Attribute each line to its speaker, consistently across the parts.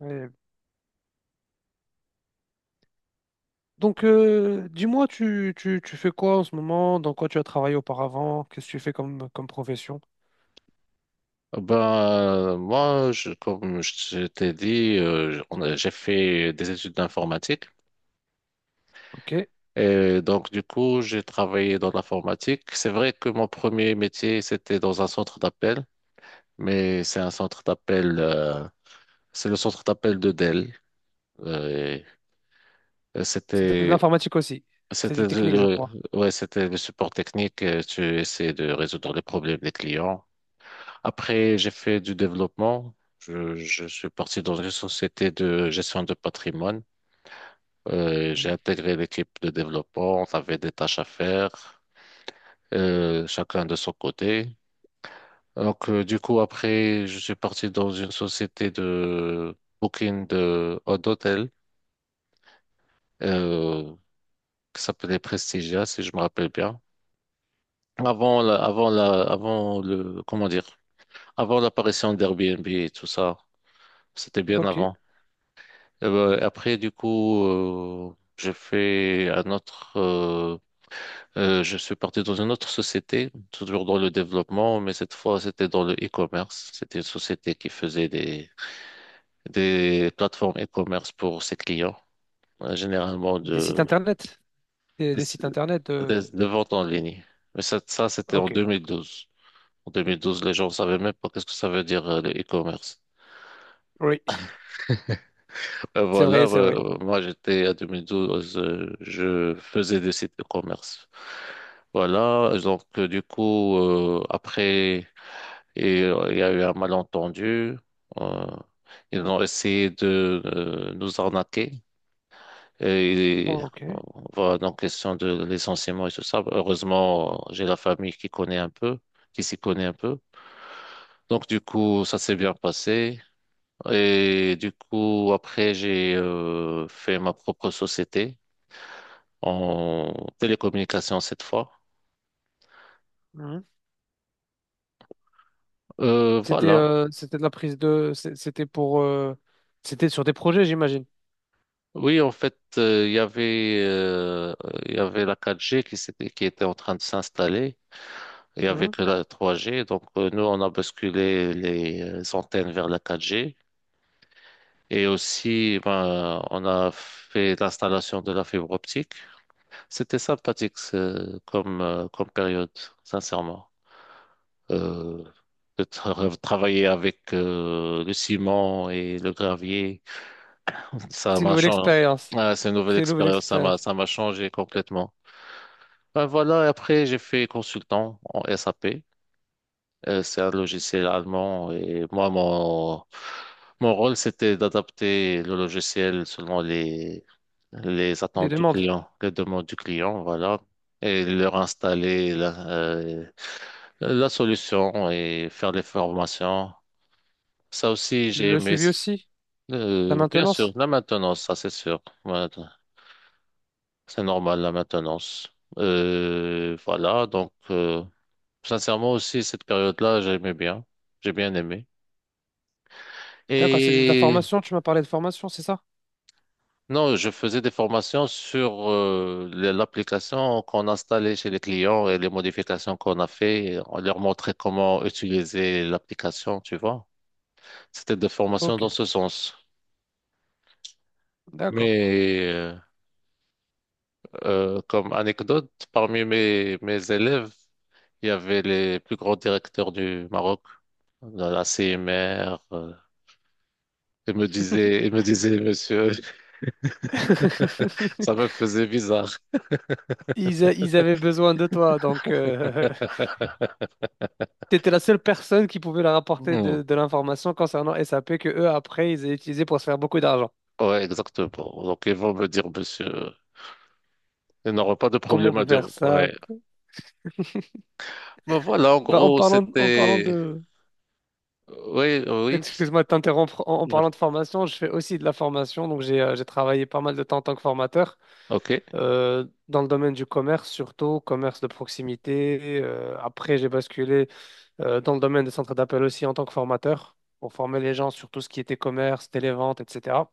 Speaker 1: Ouais. Donc, dis-moi, tu fais quoi en ce moment? Dans quoi tu as travaillé auparavant? Qu'est-ce que tu fais comme profession?
Speaker 2: Ben, moi, comme je t'ai dit, j'ai fait des études d'informatique.
Speaker 1: Ok.
Speaker 2: Et donc, du coup, j'ai travaillé dans l'informatique. C'est vrai que mon premier métier, c'était dans un centre d'appel, mais c'est un centre d'appel, c'est le centre d'appel de Dell. Et euh,
Speaker 1: C'était de
Speaker 2: c'était,
Speaker 1: l'informatique aussi. C'est du
Speaker 2: c'était, de-
Speaker 1: technique, je
Speaker 2: de-
Speaker 1: crois.
Speaker 2: ouais, c'était le support technique. Tu essaies de résoudre les problèmes des clients. Après, j'ai fait du développement. Je suis parti dans une société de gestion de patrimoine. J'ai
Speaker 1: Mhm.
Speaker 2: intégré l'équipe de développement. On avait des tâches à faire, chacun de son côté. Donc, du coup, après, je suis parti dans une société de booking de d'hôtel euh, qui s'appelait Prestigia, si je me rappelle bien. Avant la, avant la, avant le, comment dire, avant l'apparition d'Airbnb et tout ça, c'était bien
Speaker 1: Ok.
Speaker 2: avant. Après, du coup, j'ai fait un autre. Je suis parti dans une autre société, toujours dans le développement, mais cette fois, c'était dans le e-commerce. C'était une société qui faisait des plateformes e-commerce pour ses clients, généralement
Speaker 1: Des sites
Speaker 2: de
Speaker 1: internet? Des sites internet de,
Speaker 2: de,
Speaker 1: de-
Speaker 2: de vente en ligne. Mais ça c'était en
Speaker 1: Ok.
Speaker 2: 2012. En 2012, les gens ne savaient même pas qu'est-ce que ça veut dire le e-commerce.
Speaker 1: Oui, c'est
Speaker 2: Voilà,
Speaker 1: vrai, c'est vrai.
Speaker 2: moi j'étais à 2012, je faisais des sites de commerce. Voilà, donc du coup, après, et, il y a eu un malentendu. euh, Ils ont essayé de nous arnaquer. Et
Speaker 1: Ok.
Speaker 2: euh, voilà, donc question de licenciement et tout ça. Heureusement, j'ai la famille qui connaît un peu, qui s'y connaît un peu. Donc du coup, ça s'est bien passé. Et du coup, après, j'ai fait ma propre société en télécommunication cette fois.
Speaker 1: C'était
Speaker 2: Voilà.
Speaker 1: c'était de la prise de. C'est- C'était pour. C'était sur des projets, j'imagine.
Speaker 2: Oui, en fait, il y avait la 4G qui était en train de s'installer. Il y avait
Speaker 1: Mhm.
Speaker 2: que la 3G. Donc nous, on a basculé les antennes vers la 4G. Et aussi, ben, on a fait l'installation de la fibre optique. C'était sympathique comme période, sincèrement. euh, de travailler avec le ciment et le gravier. Ça
Speaker 1: C'est une
Speaker 2: m'a
Speaker 1: nouvelle
Speaker 2: changé.
Speaker 1: expérience.
Speaker 2: Ah, c'est une nouvelle
Speaker 1: C'est une nouvelle
Speaker 2: expérience, ça m'a
Speaker 1: expérience.
Speaker 2: ça m'a changé complètement. Ben voilà, et après j'ai fait consultant en SAP. C'est un logiciel allemand et moi mon rôle c'était d'adapter le logiciel selon les
Speaker 1: Des
Speaker 2: attentes du
Speaker 1: demandes.
Speaker 2: client, les demandes du client, voilà, et leur installer la solution et faire des formations. Ça aussi, j'ai
Speaker 1: Le
Speaker 2: aimé.
Speaker 1: suivi aussi. La
Speaker 2: Bien sûr,
Speaker 1: maintenance.
Speaker 2: la maintenance, ça c'est sûr. Voilà, c'est normal, la maintenance. Voilà, donc sincèrement aussi, cette période-là, j'aimais bien. J'ai bien aimé.
Speaker 1: D'accord, c'était de la
Speaker 2: Et
Speaker 1: formation. Tu m'as parlé de formation, c'est ça?
Speaker 2: non, je faisais des formations sur l'application qu'on installait chez les clients et les modifications qu'on a fait. On leur montrait comment utiliser l'application, tu vois. C'était des formations
Speaker 1: Ok,
Speaker 2: dans ce sens.
Speaker 1: d'accord.
Speaker 2: Mais comme anecdote, parmi mes élèves, il y avait les plus grands directeurs du Maroc, la CMR. Ils me disaient, monsieur, ça me faisait bizarre.
Speaker 1: Ils avaient besoin de toi, donc. T'étais la seule personne qui pouvait leur apporter
Speaker 2: Hmm.
Speaker 1: de l'information concernant SAP que eux après ils avaient utilisé pour se faire beaucoup d'argent.
Speaker 2: Ouais, exactement. Donc, ils vont me dire, monsieur, ils n'auront pas de
Speaker 1: Comment on
Speaker 2: problème à
Speaker 1: peut
Speaker 2: dire.
Speaker 1: faire ça?
Speaker 2: Ouais. Ben voilà, en
Speaker 1: Bah, en
Speaker 2: gros,
Speaker 1: parlant,
Speaker 2: c'était. Oui, oui.
Speaker 1: excuse-moi de t'interrompre, en
Speaker 2: Ouais.
Speaker 1: parlant de formation, je fais aussi de la formation, donc j'ai travaillé pas mal de temps en tant que formateur
Speaker 2: Ok,
Speaker 1: dans le domaine du commerce, surtout commerce de proximité. Après j'ai basculé dans le domaine des centres d'appel aussi en tant que formateur pour former les gens sur tout ce qui était commerce, télévente, etc.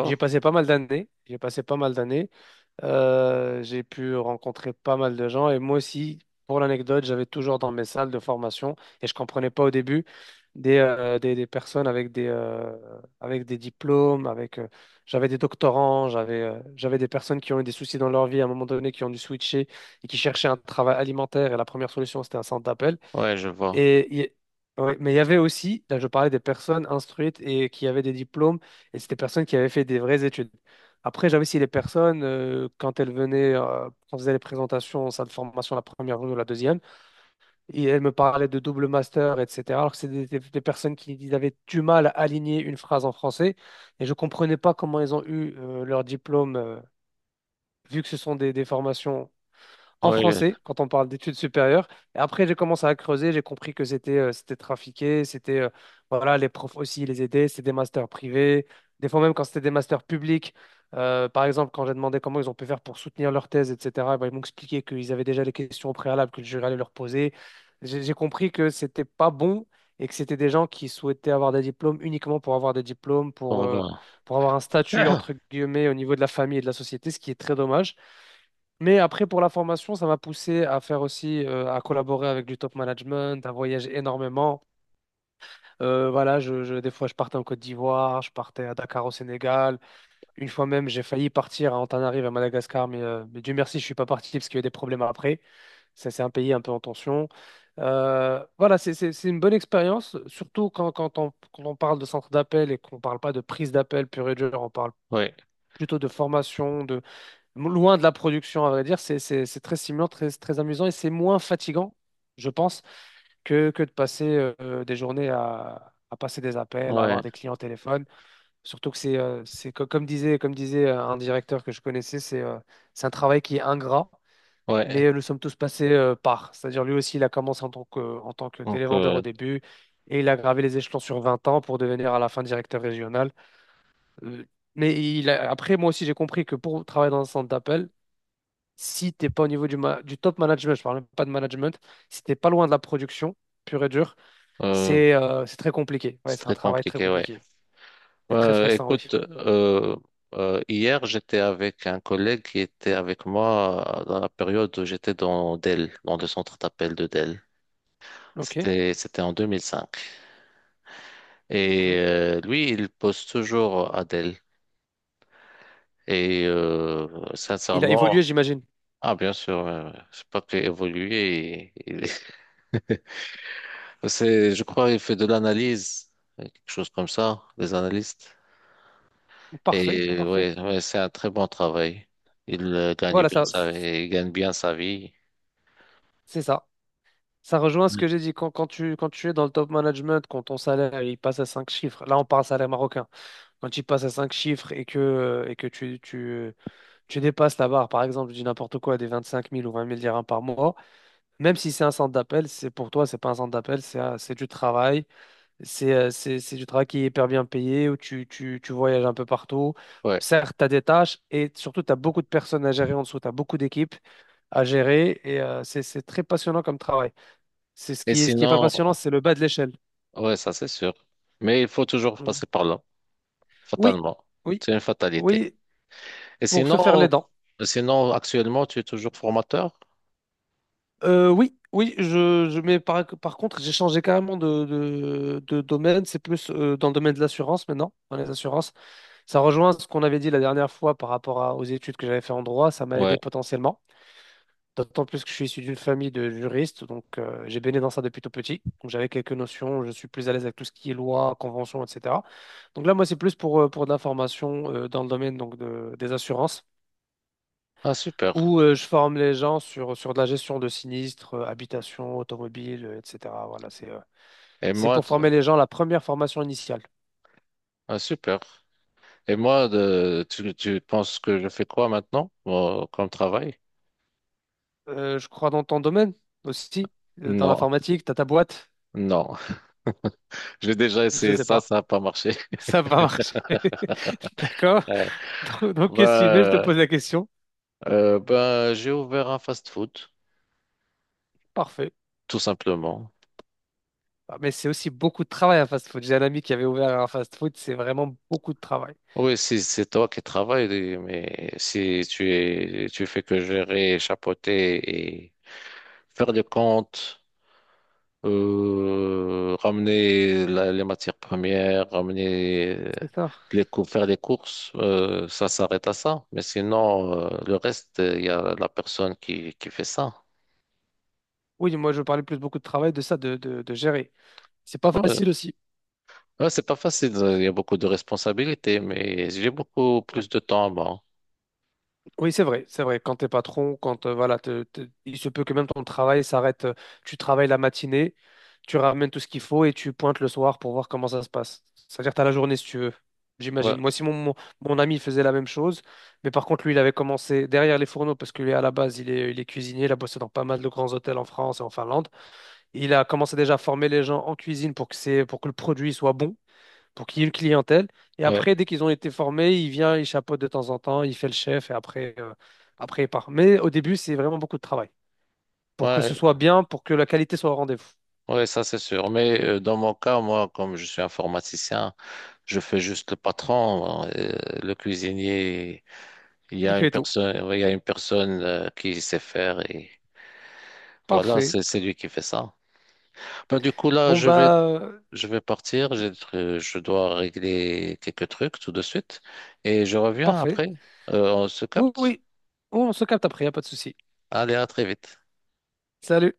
Speaker 1: J'ai passé pas mal d'années. J'ai passé pas mal d'années. J'ai pu rencontrer pas mal de gens. Et moi aussi, pour l'anecdote, j'avais toujours dans mes salles de formation, et je comprenais pas au début, des personnes avec des diplômes, j'avais des doctorants, j'avais des personnes qui ont eu des soucis dans leur vie à un moment donné, qui ont dû switcher et qui cherchaient un travail alimentaire. Et la première solution, c'était un centre d'appel.
Speaker 2: Ouais, je vois.
Speaker 1: Et, il- y- ouais, mais il y avait aussi, là je parlais des personnes instruites et qui avaient des diplômes, et c'était des personnes qui avaient fait des vraies études. Après, j'avais aussi les personnes, quand elles venaient, quand on faisait les présentations en salle de formation, la première ou la deuxième, et elles me parlaient de double master, etc. Alors que c'est des personnes qui ils avaient du mal à aligner une phrase en français, et je comprenais pas comment ils ont eu leur diplôme, vu que ce sont des formations en
Speaker 2: Ouais,
Speaker 1: français quand on parle d'études supérieures. Et après, j'ai commencé à creuser, j'ai compris que c'était trafiqué, c'était voilà, les profs aussi les aidaient, c'était des masters privés, des fois même quand c'était des masters publics. Par exemple, quand j'ai demandé comment ils ont pu faire pour soutenir leur thèse, etc., eh ben, ils m'ont expliqué qu'ils avaient déjà les questions au préalable que le jury allait leur poser. J'ai compris que c'était pas bon et que c'était des gens qui souhaitaient avoir des diplômes uniquement pour avoir des diplômes,
Speaker 2: on va voir.
Speaker 1: pour avoir un statut, entre guillemets, au niveau de la famille et de la société, ce qui est très dommage. Mais après, pour la formation, ça m'a poussé à faire aussi, à collaborer avec du top management, à voyager énormément. Voilà, des fois, je partais en Côte d'Ivoire, je partais à Dakar au Sénégal. Une fois même, j'ai failli partir à Antananarive à Madagascar, mais Dieu merci, je suis pas parti parce qu'il y a eu des problèmes après. Ça, c'est un pays un peu en tension. Voilà, c'est une bonne expérience, surtout quand on parle de centre d'appel et qu'on ne parle pas de prise d'appel pure et dure, on parle
Speaker 2: Ouais,
Speaker 1: plutôt de formation. Loin de la production, à vrai dire, c'est très stimulant, très, très amusant et c'est moins fatigant, je pense, que de passer des journées à passer des appels, à
Speaker 2: ouais,
Speaker 1: avoir des clients au téléphone. Surtout que comme disait un directeur que je connaissais, c'est un travail qui est ingrat,
Speaker 2: ouais.
Speaker 1: mais nous sommes tous passés par. C'est-à-dire lui aussi, il a commencé en tant que
Speaker 2: Donc,
Speaker 1: télévendeur au début et il a gravé les échelons sur 20 ans pour devenir à la fin directeur régional. Euh, mais après, moi aussi, j'ai compris que pour travailler dans un centre d'appel, si t'es pas au niveau du top management, je parle même pas de management, si t'es pas loin de la production, pure et dure,
Speaker 2: euh,
Speaker 1: c'est très compliqué. Ouais,
Speaker 2: c'est
Speaker 1: c'est un
Speaker 2: très
Speaker 1: travail très
Speaker 2: compliqué, ouais.
Speaker 1: compliqué et très stressant, oui.
Speaker 2: Écoute, hier j'étais avec un collègue qui était avec moi dans la période où j'étais dans Dell, dans le centre d'appel de Dell.
Speaker 1: Ok.
Speaker 2: C'était en 2005. Et
Speaker 1: Mhm.
Speaker 2: lui, il pose toujours à Dell. Et
Speaker 1: Il a
Speaker 2: sincèrement,
Speaker 1: évolué, j'imagine.
Speaker 2: ah bien sûr, c'est pas qu'il évolue. C'est, je crois, il fait de l'analyse, quelque chose comme ça, des analystes.
Speaker 1: Parfait,
Speaker 2: Et
Speaker 1: parfait.
Speaker 2: ouais, ouais, c'est un très bon travail. Il euh, gagne
Speaker 1: Voilà,
Speaker 2: bien
Speaker 1: ça,
Speaker 2: sa, il gagne bien sa vie.
Speaker 1: c'est ça. Ça rejoint ce
Speaker 2: Mm.
Speaker 1: que j'ai dit. Quand tu es dans le top management, quand ton salaire il passe à 5 chiffres, là on parle salaire marocain, quand il passe à 5 chiffres et que tu dépasses la barre, par exemple, je dis n'importe quoi, des 25 000 ou 20 000 dirhams par mois. Même si c'est un centre d'appel, c'est pour toi, c'est pas un centre d'appel, c'est du travail. C'est du travail qui est hyper bien payé, où tu voyages un peu partout.
Speaker 2: Ouais.
Speaker 1: Certes, tu as des tâches et surtout, tu as beaucoup de personnes à gérer en dessous, tu as beaucoup d'équipes à gérer et c'est très passionnant comme travail. C'est
Speaker 2: Et
Speaker 1: ce qui est pas
Speaker 2: sinon,
Speaker 1: passionnant, c'est le bas de l'échelle.
Speaker 2: ouais, ça c'est sûr. Mais il faut toujours
Speaker 1: Mm.
Speaker 2: passer par là,
Speaker 1: Oui,
Speaker 2: fatalement.
Speaker 1: oui,
Speaker 2: C'est une fatalité.
Speaker 1: oui,
Speaker 2: Et
Speaker 1: pour se faire les
Speaker 2: sinon,
Speaker 1: dents.
Speaker 2: actuellement, tu es toujours formateur?
Speaker 1: Oui, oui, je mais par contre, j'ai changé carrément de domaine. C'est plus dans le domaine de l'assurance maintenant, dans les assurances. Ça rejoint ce qu'on avait dit la dernière fois par rapport aux études que j'avais fait en droit, ça m'a
Speaker 2: Ouais.
Speaker 1: aidé potentiellement. D'autant plus que je suis issu d'une famille de juristes, donc j'ai baigné dans ça depuis tout petit. Donc j'avais quelques notions, je suis plus à l'aise avec tout ce qui est loi, convention, etc. Donc là, moi, c'est plus pour de la formation dans le domaine donc, des assurances,
Speaker 2: Ah, super.
Speaker 1: où je forme les gens sur de la gestion de sinistres, habitation, automobile, etc. Voilà,
Speaker 2: Et
Speaker 1: c'est
Speaker 2: moi,
Speaker 1: pour former les gens, la première formation initiale.
Speaker 2: ah, super. Et moi, tu penses que je fais quoi maintenant, comme travail?
Speaker 1: Je crois dans ton domaine aussi, dans
Speaker 2: Non,
Speaker 1: l'informatique. T'as ta boîte,
Speaker 2: non. J'ai déjà
Speaker 1: je
Speaker 2: essayé
Speaker 1: sais
Speaker 2: ça,
Speaker 1: pas.
Speaker 2: ça n'a pas marché.
Speaker 1: Ça va marcher. D'accord.
Speaker 2: Ouais.
Speaker 1: Donc, qu'est-ce que tu veux? Je te
Speaker 2: Bah,
Speaker 1: pose la question.
Speaker 2: bah, j'ai ouvert un fast-food,
Speaker 1: Parfait.
Speaker 2: tout simplement.
Speaker 1: Ah, mais c'est aussi beaucoup de travail un fast-food. J'ai un ami qui avait ouvert un fast-food. C'est vraiment beaucoup de travail.
Speaker 2: Oui, si c'est toi qui travailles, mais si tu es, tu fais que gérer, chapeauter et faire des comptes, ramener les matières premières, ramener
Speaker 1: C'est ça.
Speaker 2: les cours, faire des courses, ça s'arrête à ça. Mais sinon, le reste, il y a la personne qui fait ça.
Speaker 1: Oui, moi, je parlais plus beaucoup de travail de ça, de gérer. C'est pas
Speaker 2: Ouais.
Speaker 1: facile aussi.
Speaker 2: Ouais, c'est pas facile, il y a beaucoup de responsabilités, mais j'ai beaucoup
Speaker 1: Ouais.
Speaker 2: plus de temps à moi.
Speaker 1: Oui, c'est vrai, c'est vrai. Quand t'es patron, quand voilà, il se peut que même ton travail s'arrête. Tu travailles la matinée, tu ramènes tout ce qu'il faut et tu pointes le soir pour voir comment ça se passe. C'est-à-dire que t'as la journée si tu veux.
Speaker 2: Ouais,
Speaker 1: J'imagine. Moi, si mon ami faisait la même chose, mais par contre, lui, il avait commencé derrière les fourneaux parce que lui, à la base, il est cuisinier, il a bossé dans pas mal de grands hôtels en France et en Finlande. Il a commencé déjà à former les gens en cuisine pour que le produit soit bon pour qu'il y ait une clientèle. Et
Speaker 2: ouais,
Speaker 1: après, dès qu'ils ont été formés, il vient, il chapeaute de temps en temps, il fait le chef et après il part. Mais au début, c'est vraiment beaucoup de travail pour que
Speaker 2: ouais,
Speaker 1: ce soit bien, pour que la qualité soit au rendez-vous.
Speaker 2: ouais, ça c'est sûr. Mais dans mon cas, moi, comme je suis informaticien, je fais juste le patron, le cuisinier. Il y
Speaker 1: Il
Speaker 2: a une
Speaker 1: fait tout.
Speaker 2: personne, ouais, il y a une personne qui sait faire et voilà,
Speaker 1: Parfait.
Speaker 2: c'est lui qui fait ça. Ben, du coup là,
Speaker 1: Bon, bah,
Speaker 2: je vais partir. Je dois régler quelques trucs tout de suite et je reviens
Speaker 1: parfait.
Speaker 2: après. On se
Speaker 1: Oui,
Speaker 2: capte.
Speaker 1: oui. On se capte après, y a pas de souci.
Speaker 2: Allez, à très vite.
Speaker 1: Salut.